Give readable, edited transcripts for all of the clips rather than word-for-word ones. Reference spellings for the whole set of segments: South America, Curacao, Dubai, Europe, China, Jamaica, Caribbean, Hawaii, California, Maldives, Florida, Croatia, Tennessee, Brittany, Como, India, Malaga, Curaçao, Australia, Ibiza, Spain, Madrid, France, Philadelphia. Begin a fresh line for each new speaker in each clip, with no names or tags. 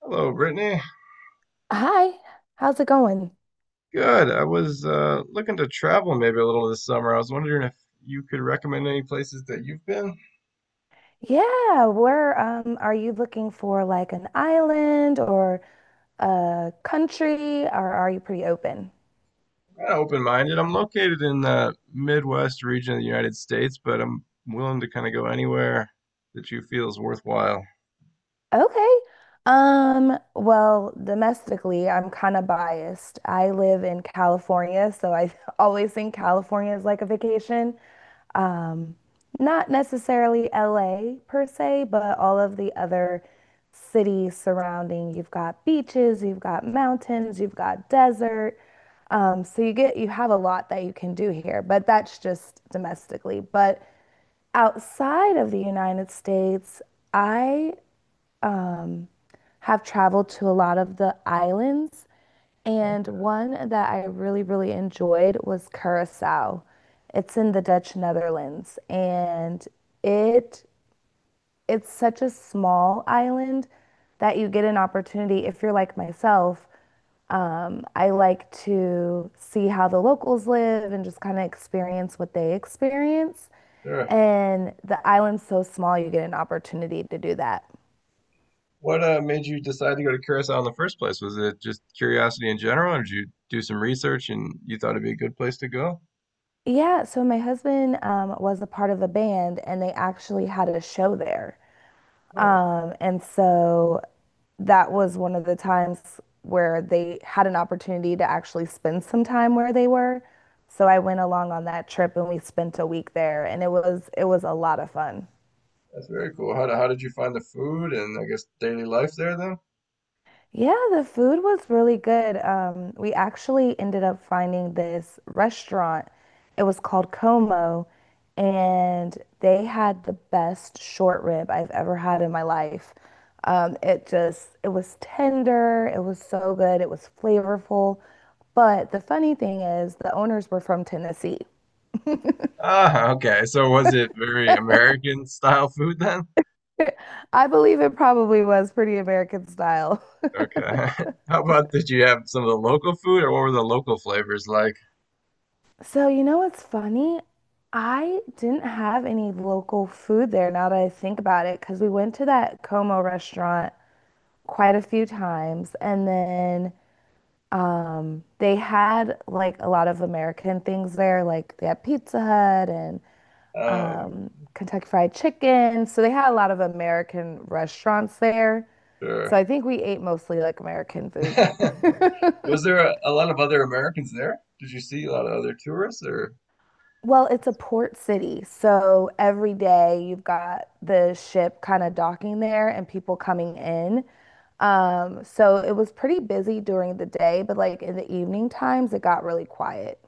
Hello, Brittany.
Hi, how's it going?
Good. I was looking to travel maybe a little this summer. I was wondering if you could recommend any places that you've been. I'm
Yeah, where are you looking for like an island or a country, or are you pretty open?
kind of open-minded. I'm located in the Midwest region of the United States, but I'm willing to kind of go anywhere that you feel is worthwhile.
Okay. Well, domestically, I'm kind of biased. I live in California, so I always think California is like a vacation. Um, Not necessarily LA per se, but all of the other cities surrounding. You've got beaches, you've got mountains, you've got desert. So you have a lot that you can do here, but that's just domestically. But outside of the United States, I have traveled to a lot of the islands. And one that I really, really enjoyed was Curaçao. It's in the Dutch Netherlands, and it it's such a small island that you get an opportunity if you're like myself. I like to see how the locals live and just kind of experience what they experience.
Sure.
And the island's so small, you get an opportunity to do that.
What made you decide to go to Curacao in the first place? Was it just curiosity in general, or did you do some research and you thought it'd be a good place to go?
Yeah, so my husband was a part of a band and they actually had a show there.
Huh,
And so that was one of the times where they had an opportunity to actually spend some time where they were. So I went along on that trip and we spent a week there, and it was a lot of fun.
that's very cool. How did you find the food and I guess daily life there then?
Yeah, the food was really good. We actually ended up finding this restaurant. It was called Como, and they had the best short rib I've ever had in my life. It just, it was tender, it was so good, it was flavorful. But the funny thing is, the owners were from Tennessee.
Ah, okay. So was it very American style food then?
I believe it probably was pretty American style.
Okay. How about did you have some of the local food or what were the local flavors like?
So, you know what's funny? I didn't have any local food there now that I think about it, because we went to that Como restaurant quite a few times. And then they had like a lot of American things there, like they had Pizza Hut and
Oh,
Kentucky Fried Chicken. So they had a lot of American restaurants there. So
sure.
I think we ate mostly like American food.
Was there a lot of other Americans there? Did you see a lot of other tourists or
Well, it's a port city, so every day you've got the ship kind of docking there and people coming in. So it was pretty busy during the day, but like in the evening times, it got really quiet.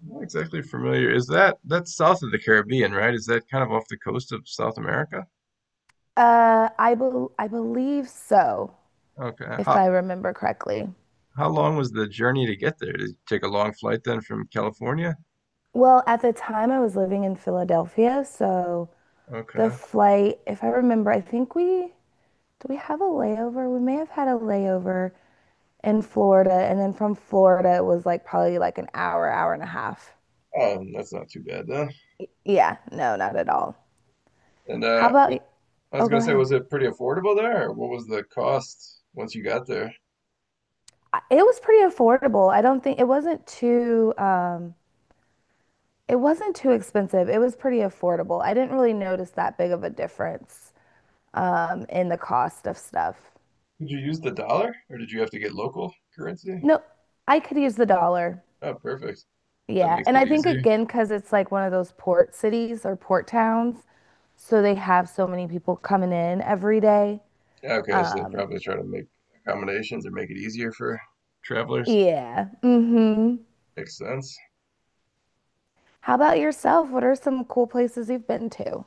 I'm not exactly familiar. Is that that's south of the Caribbean, right? Is that kind of off the coast of South America?
I believe so,
Okay.
if
How
I remember correctly.
how long was the journey to get there? Did you take a long flight then from California?
Well, at the time I was living in Philadelphia, so the
Okay.
flight, if I remember, I think we Do we have a layover? We may have had a layover in Florida, and then from Florida, it was like probably like an hour, hour and a half.
Oh, that's not too bad then.
Yeah, no, not at all.
And
How about,
I was
oh,
gonna
go
say, was
ahead.
it pretty affordable there, or what was the cost once you got there?
It was pretty affordable. I don't think it wasn't too expensive. It was pretty affordable. I didn't really notice that big of a difference in the cost of stuff.
Did you use the dollar, or did you have to get local currency?
No, I could use the dollar.
Oh, perfect. That
Yeah,
makes
and
it
I think
easier.
again because it's like one of those port cities or port towns, so they have so many people coming in every day.
Yeah, okay, so they
Um,
probably try to make accommodations or make it easier for travelers.
yeah. Mm-hmm.
Makes sense.
How about yourself? What are some cool places you've been to?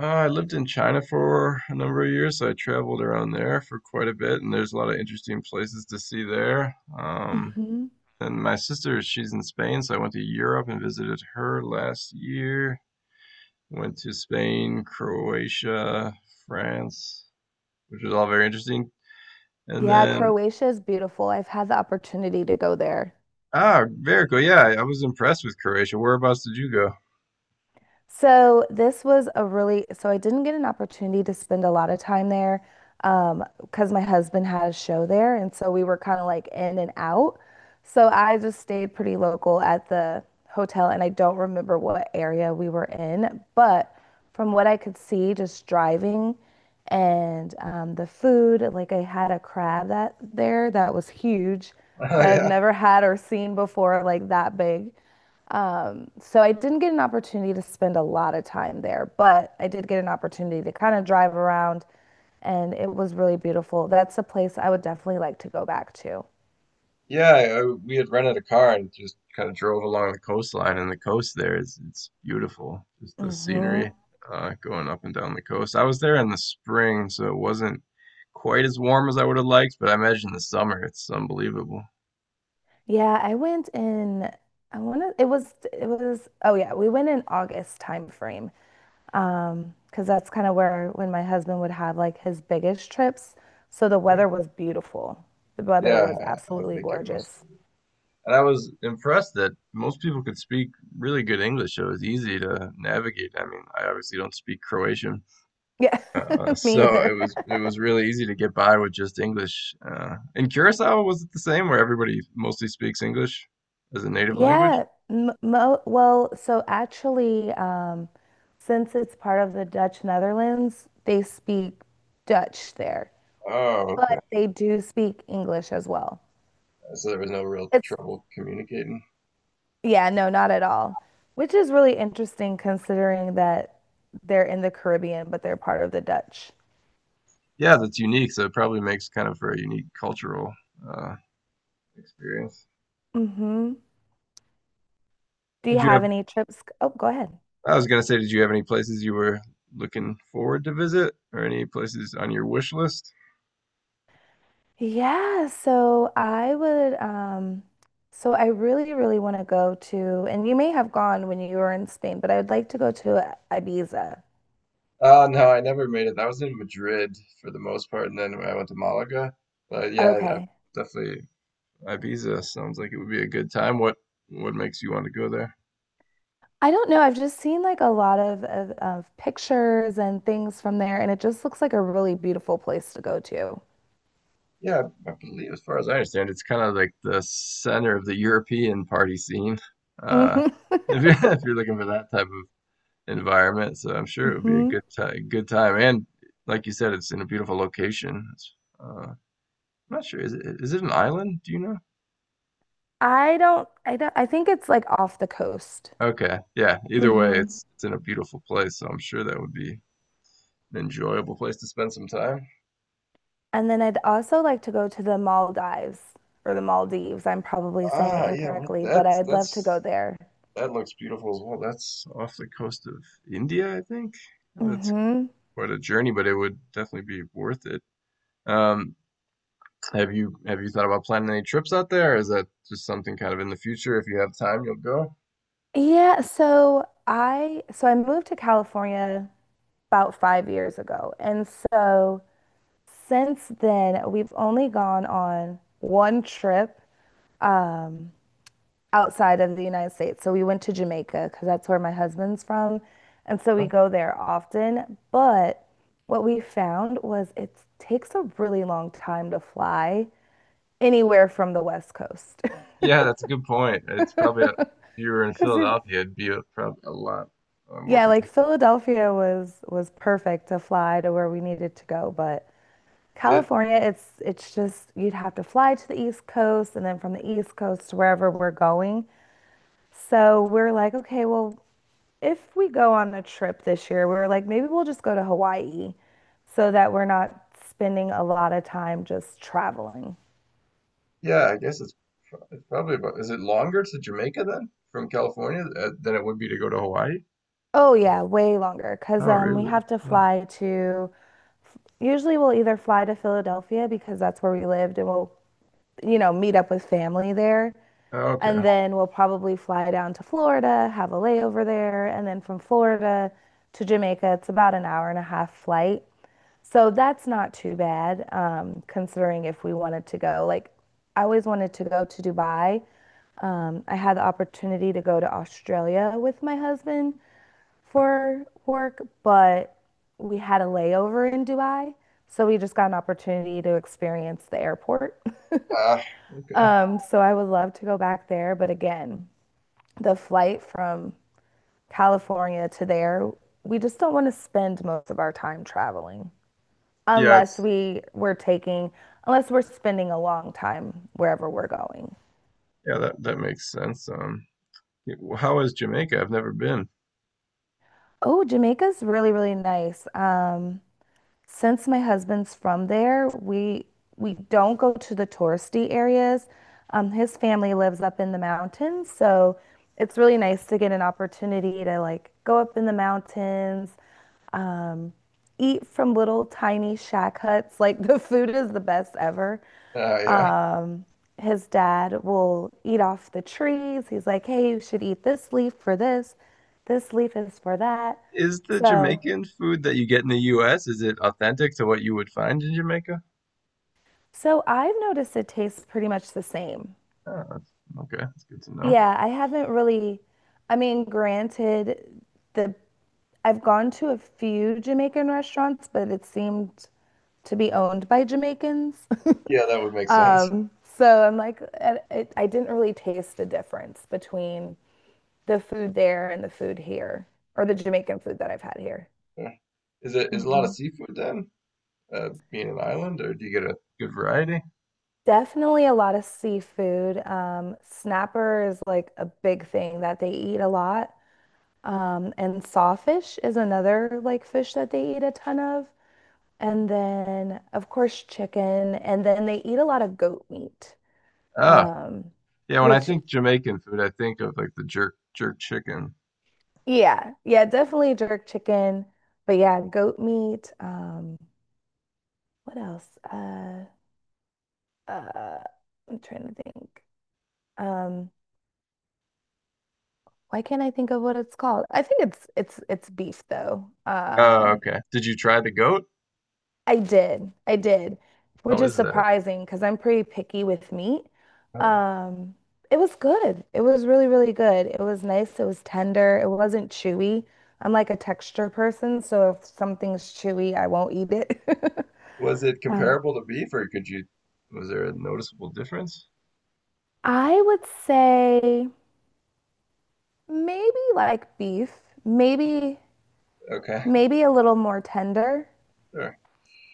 I lived in China for a number of years, so I traveled around there for quite a bit, and there's a lot of interesting places to see there.
hmm
And my sister, she's in Spain, so I went to Europe and visited her last year. Went to Spain, Croatia, France, which was all very interesting. And
Yeah,
then,
Croatia is beautiful. I've had the opportunity to go there.
ah, very cool. Yeah, I was impressed with Croatia. Whereabouts did you go?
So this was a really, so I didn't get an opportunity to spend a lot of time there, because my husband had a show there. And so we were kind of like in and out. So I just stayed pretty local at the hotel and I don't remember what area we were in, but from what I could see, just driving and the food, like I had a crab that there that was huge,
Oh,
that I've
yeah.
never had or seen before, like that big. So I didn't get an opportunity to spend a lot of time there, but I did get an opportunity to kind of drive around, and it was really beautiful. That's a place I would definitely like to go back to.
Yeah, I, we had rented a car and just kind of drove along the coastline, and the coast there is it's beautiful. Just the
hmm
scenery going up and down the coast. I was there in the spring, so it wasn't quite as warm as I would have liked, but I imagine the summer it's unbelievable.
Yeah, I went in, I want to, it was, oh yeah, we went in August time frame. Because that's kind of where when my husband would have like his biggest trips. So the weather was beautiful. The weather
Yeah,
was
I
absolutely
think it must
gorgeous.
And I was impressed that most people could speak really good English. So it was easy to navigate. I mean, I obviously don't speak Croatian,
Yeah,
so
me either.
it was really easy to get by with just English. In Curacao, was it the same where everybody mostly speaks English as a native language?
So actually, since it's part of the Dutch Netherlands, they speak Dutch there,
Oh,
but
okay.
they do speak English as well.
So there was no real
It's,
trouble communicating.
yeah, no, not at all, which is really interesting considering that they're in the Caribbean, but they're part of the Dutch.
Yeah, that's unique. So it probably makes kind of for a unique cultural uh, experience.
hmm Do you
Did
have
you
any trips? Oh, go ahead.
I was gonna say, did you have any places you were looking forward to visit, or any places on your wish list?
Yeah, so I would um so I really really want to go to, and you may have gone when you were in Spain, but I would like to go to Ibiza.
No, I never made it. I was in Madrid for the most part, and then I went to Malaga. But yeah, I
Okay.
definitely Ibiza sounds like it would be a good time. What makes you want to go there?
I don't know. I've just seen like a lot of pictures and things from there, and it just looks like a really beautiful place to go to.
Yeah, I believe, as far as I understand, it's kind of like the center of the European party scene. Uh,
Mhm.
if you're if you're looking for that type of environment. So I'm sure it would be a
Mhm.
good time, good time. And like you said, it's in a beautiful location. It's, I'm not sure. Is it an island? Do you know?
I don't, I think it's like off the coast.
Okay. Yeah. Either way, it's in a beautiful place. So I'm sure that would be an enjoyable place to spend some time.
And then I'd also like to go to the Maldives or the Maldives. I'm probably saying it
Ah, yeah. What
incorrectly, but I'd love to go
that's
there.
that looks beautiful as well. That's off the coast of India, I think. That's
hmm
quite a journey, but it would definitely be worth it. Um, have you thought about planning any trips out there? Or is that just something kind of in the future? If you have time, you'll go.
so I moved to California about 5 years ago. And so since then, we've only gone on one trip. Um, Outside of the United States. So we went to Jamaica because that's where my husband's from. And so we
Oh,
go there often. But what we found was it takes a really long time to fly anywhere from the West Coast.
yeah, that's a good point. It's probably a, if you were in
Because if,
Philadelphia, it'd be a, probably a lot more
Yeah, like
convenient.
Philadelphia was perfect to fly to where we needed to go, but
Is it?
California, it's just you'd have to fly to the East Coast and then from the East Coast to wherever we're going. So we're like, okay, well, if we go on a trip this year, we were like, maybe we'll just go to Hawaii so that we're not spending a lot of time just traveling.
Yeah, I guess it's pro- it's probably about. Is it longer to Jamaica then from California than it would be to go to Hawaii?
Oh yeah, way longer because
Oh,
we
really?
have to
Huh.
fly to, usually we'll either fly to Philadelphia because that's where we lived, and we'll you know meet up with family there,
Oh,
and
okay.
then we'll probably fly down to Florida, have a layover there, and then from Florida to Jamaica it's about an hour and a half flight. So that's not too bad, considering if we wanted to go. Like, I always wanted to go to Dubai. I had the opportunity to go to Australia with my husband for work, but we had a layover in Dubai. So we just got an opportunity to experience the airport.
Ah, okay.
So I would love to go back there. But again, the flight from California to there, we just don't want to spend most of our time traveling.
Yeah,
unless
it's
we were taking, Unless we're spending a long time wherever we're going.
yeah that that makes sense. Yeah, well, how is Jamaica? I've never been.
Oh, Jamaica's really, really nice. Since my husband's from there, we don't go to the touristy areas. His family lives up in the mountains, so it's really nice to get an opportunity to like go up in the mountains, um, eat from little tiny shack huts. Like the food is the best ever.
Ah, yeah.
Um, his dad will eat off the trees. He's like, "Hey, you should eat this leaf for this. This leaf is for that."
Is the
So
Jamaican food that you get in the US, is it authentic to what you would find in Jamaica?
So I've noticed it tastes pretty much the same.
Oh, that's, okay, that's good to know.
Yeah, I haven't really, I mean, granted, the I've gone to a few Jamaican restaurants, but it seemed to be owned by Jamaicans.
Yeah, that would make sense.
Um, so I'm like, I didn't really taste the difference between the food there and the food here, or the Jamaican food that I've had here.
Yeah. Is it is a lot of
hmm
seafood then, being an island, or do you get a good variety?
Definitely a lot of seafood. Snapper is like a big thing that they eat a lot. And sawfish is another like fish that they eat a ton of. And then, of course, chicken. And then they eat a lot of goat meat.
Ah,
Um,
yeah. When I
which,
think Jamaican food, I think of like the jerk chicken.
yeah, yeah, definitely jerk chicken. But yeah, goat meat. What else? Uh, I'm trying to think. Um, why can't I think of what it's called? I think it's beef though.
Oh, okay. Did you try the goat?
I did. I did, which
How
is
is that?
surprising because I'm pretty picky with meat.
Uh,
Um, it was good. It was really, really good. It was nice. It was tender. It wasn't chewy. I'm like a texture person, so if something's chewy, I won't eat it.
was it
Oh.
comparable to beef, or could you? Was there a noticeable difference?
I would say maybe like beef, maybe
Okay,
maybe a little more tender,
sure.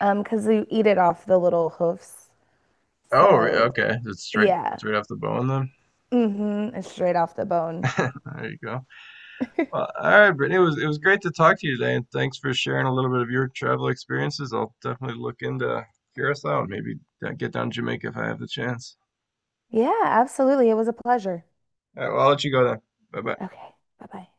because you eat it off the little hoofs.
Oh, re-
So
okay. It's straight
yeah,
straight off the bone then.
mm-hmm, it's straight off the bone.
There you go. Well, all right, Brittany, it was great to talk to you today, and thanks for sharing a little bit of your travel experiences. I'll definitely look into Curacao and maybe get down to Jamaica if I have the chance.
Yeah, absolutely. It was a pleasure.
All right, well, I'll let you go then. Bye bye.
Okay. Bye bye.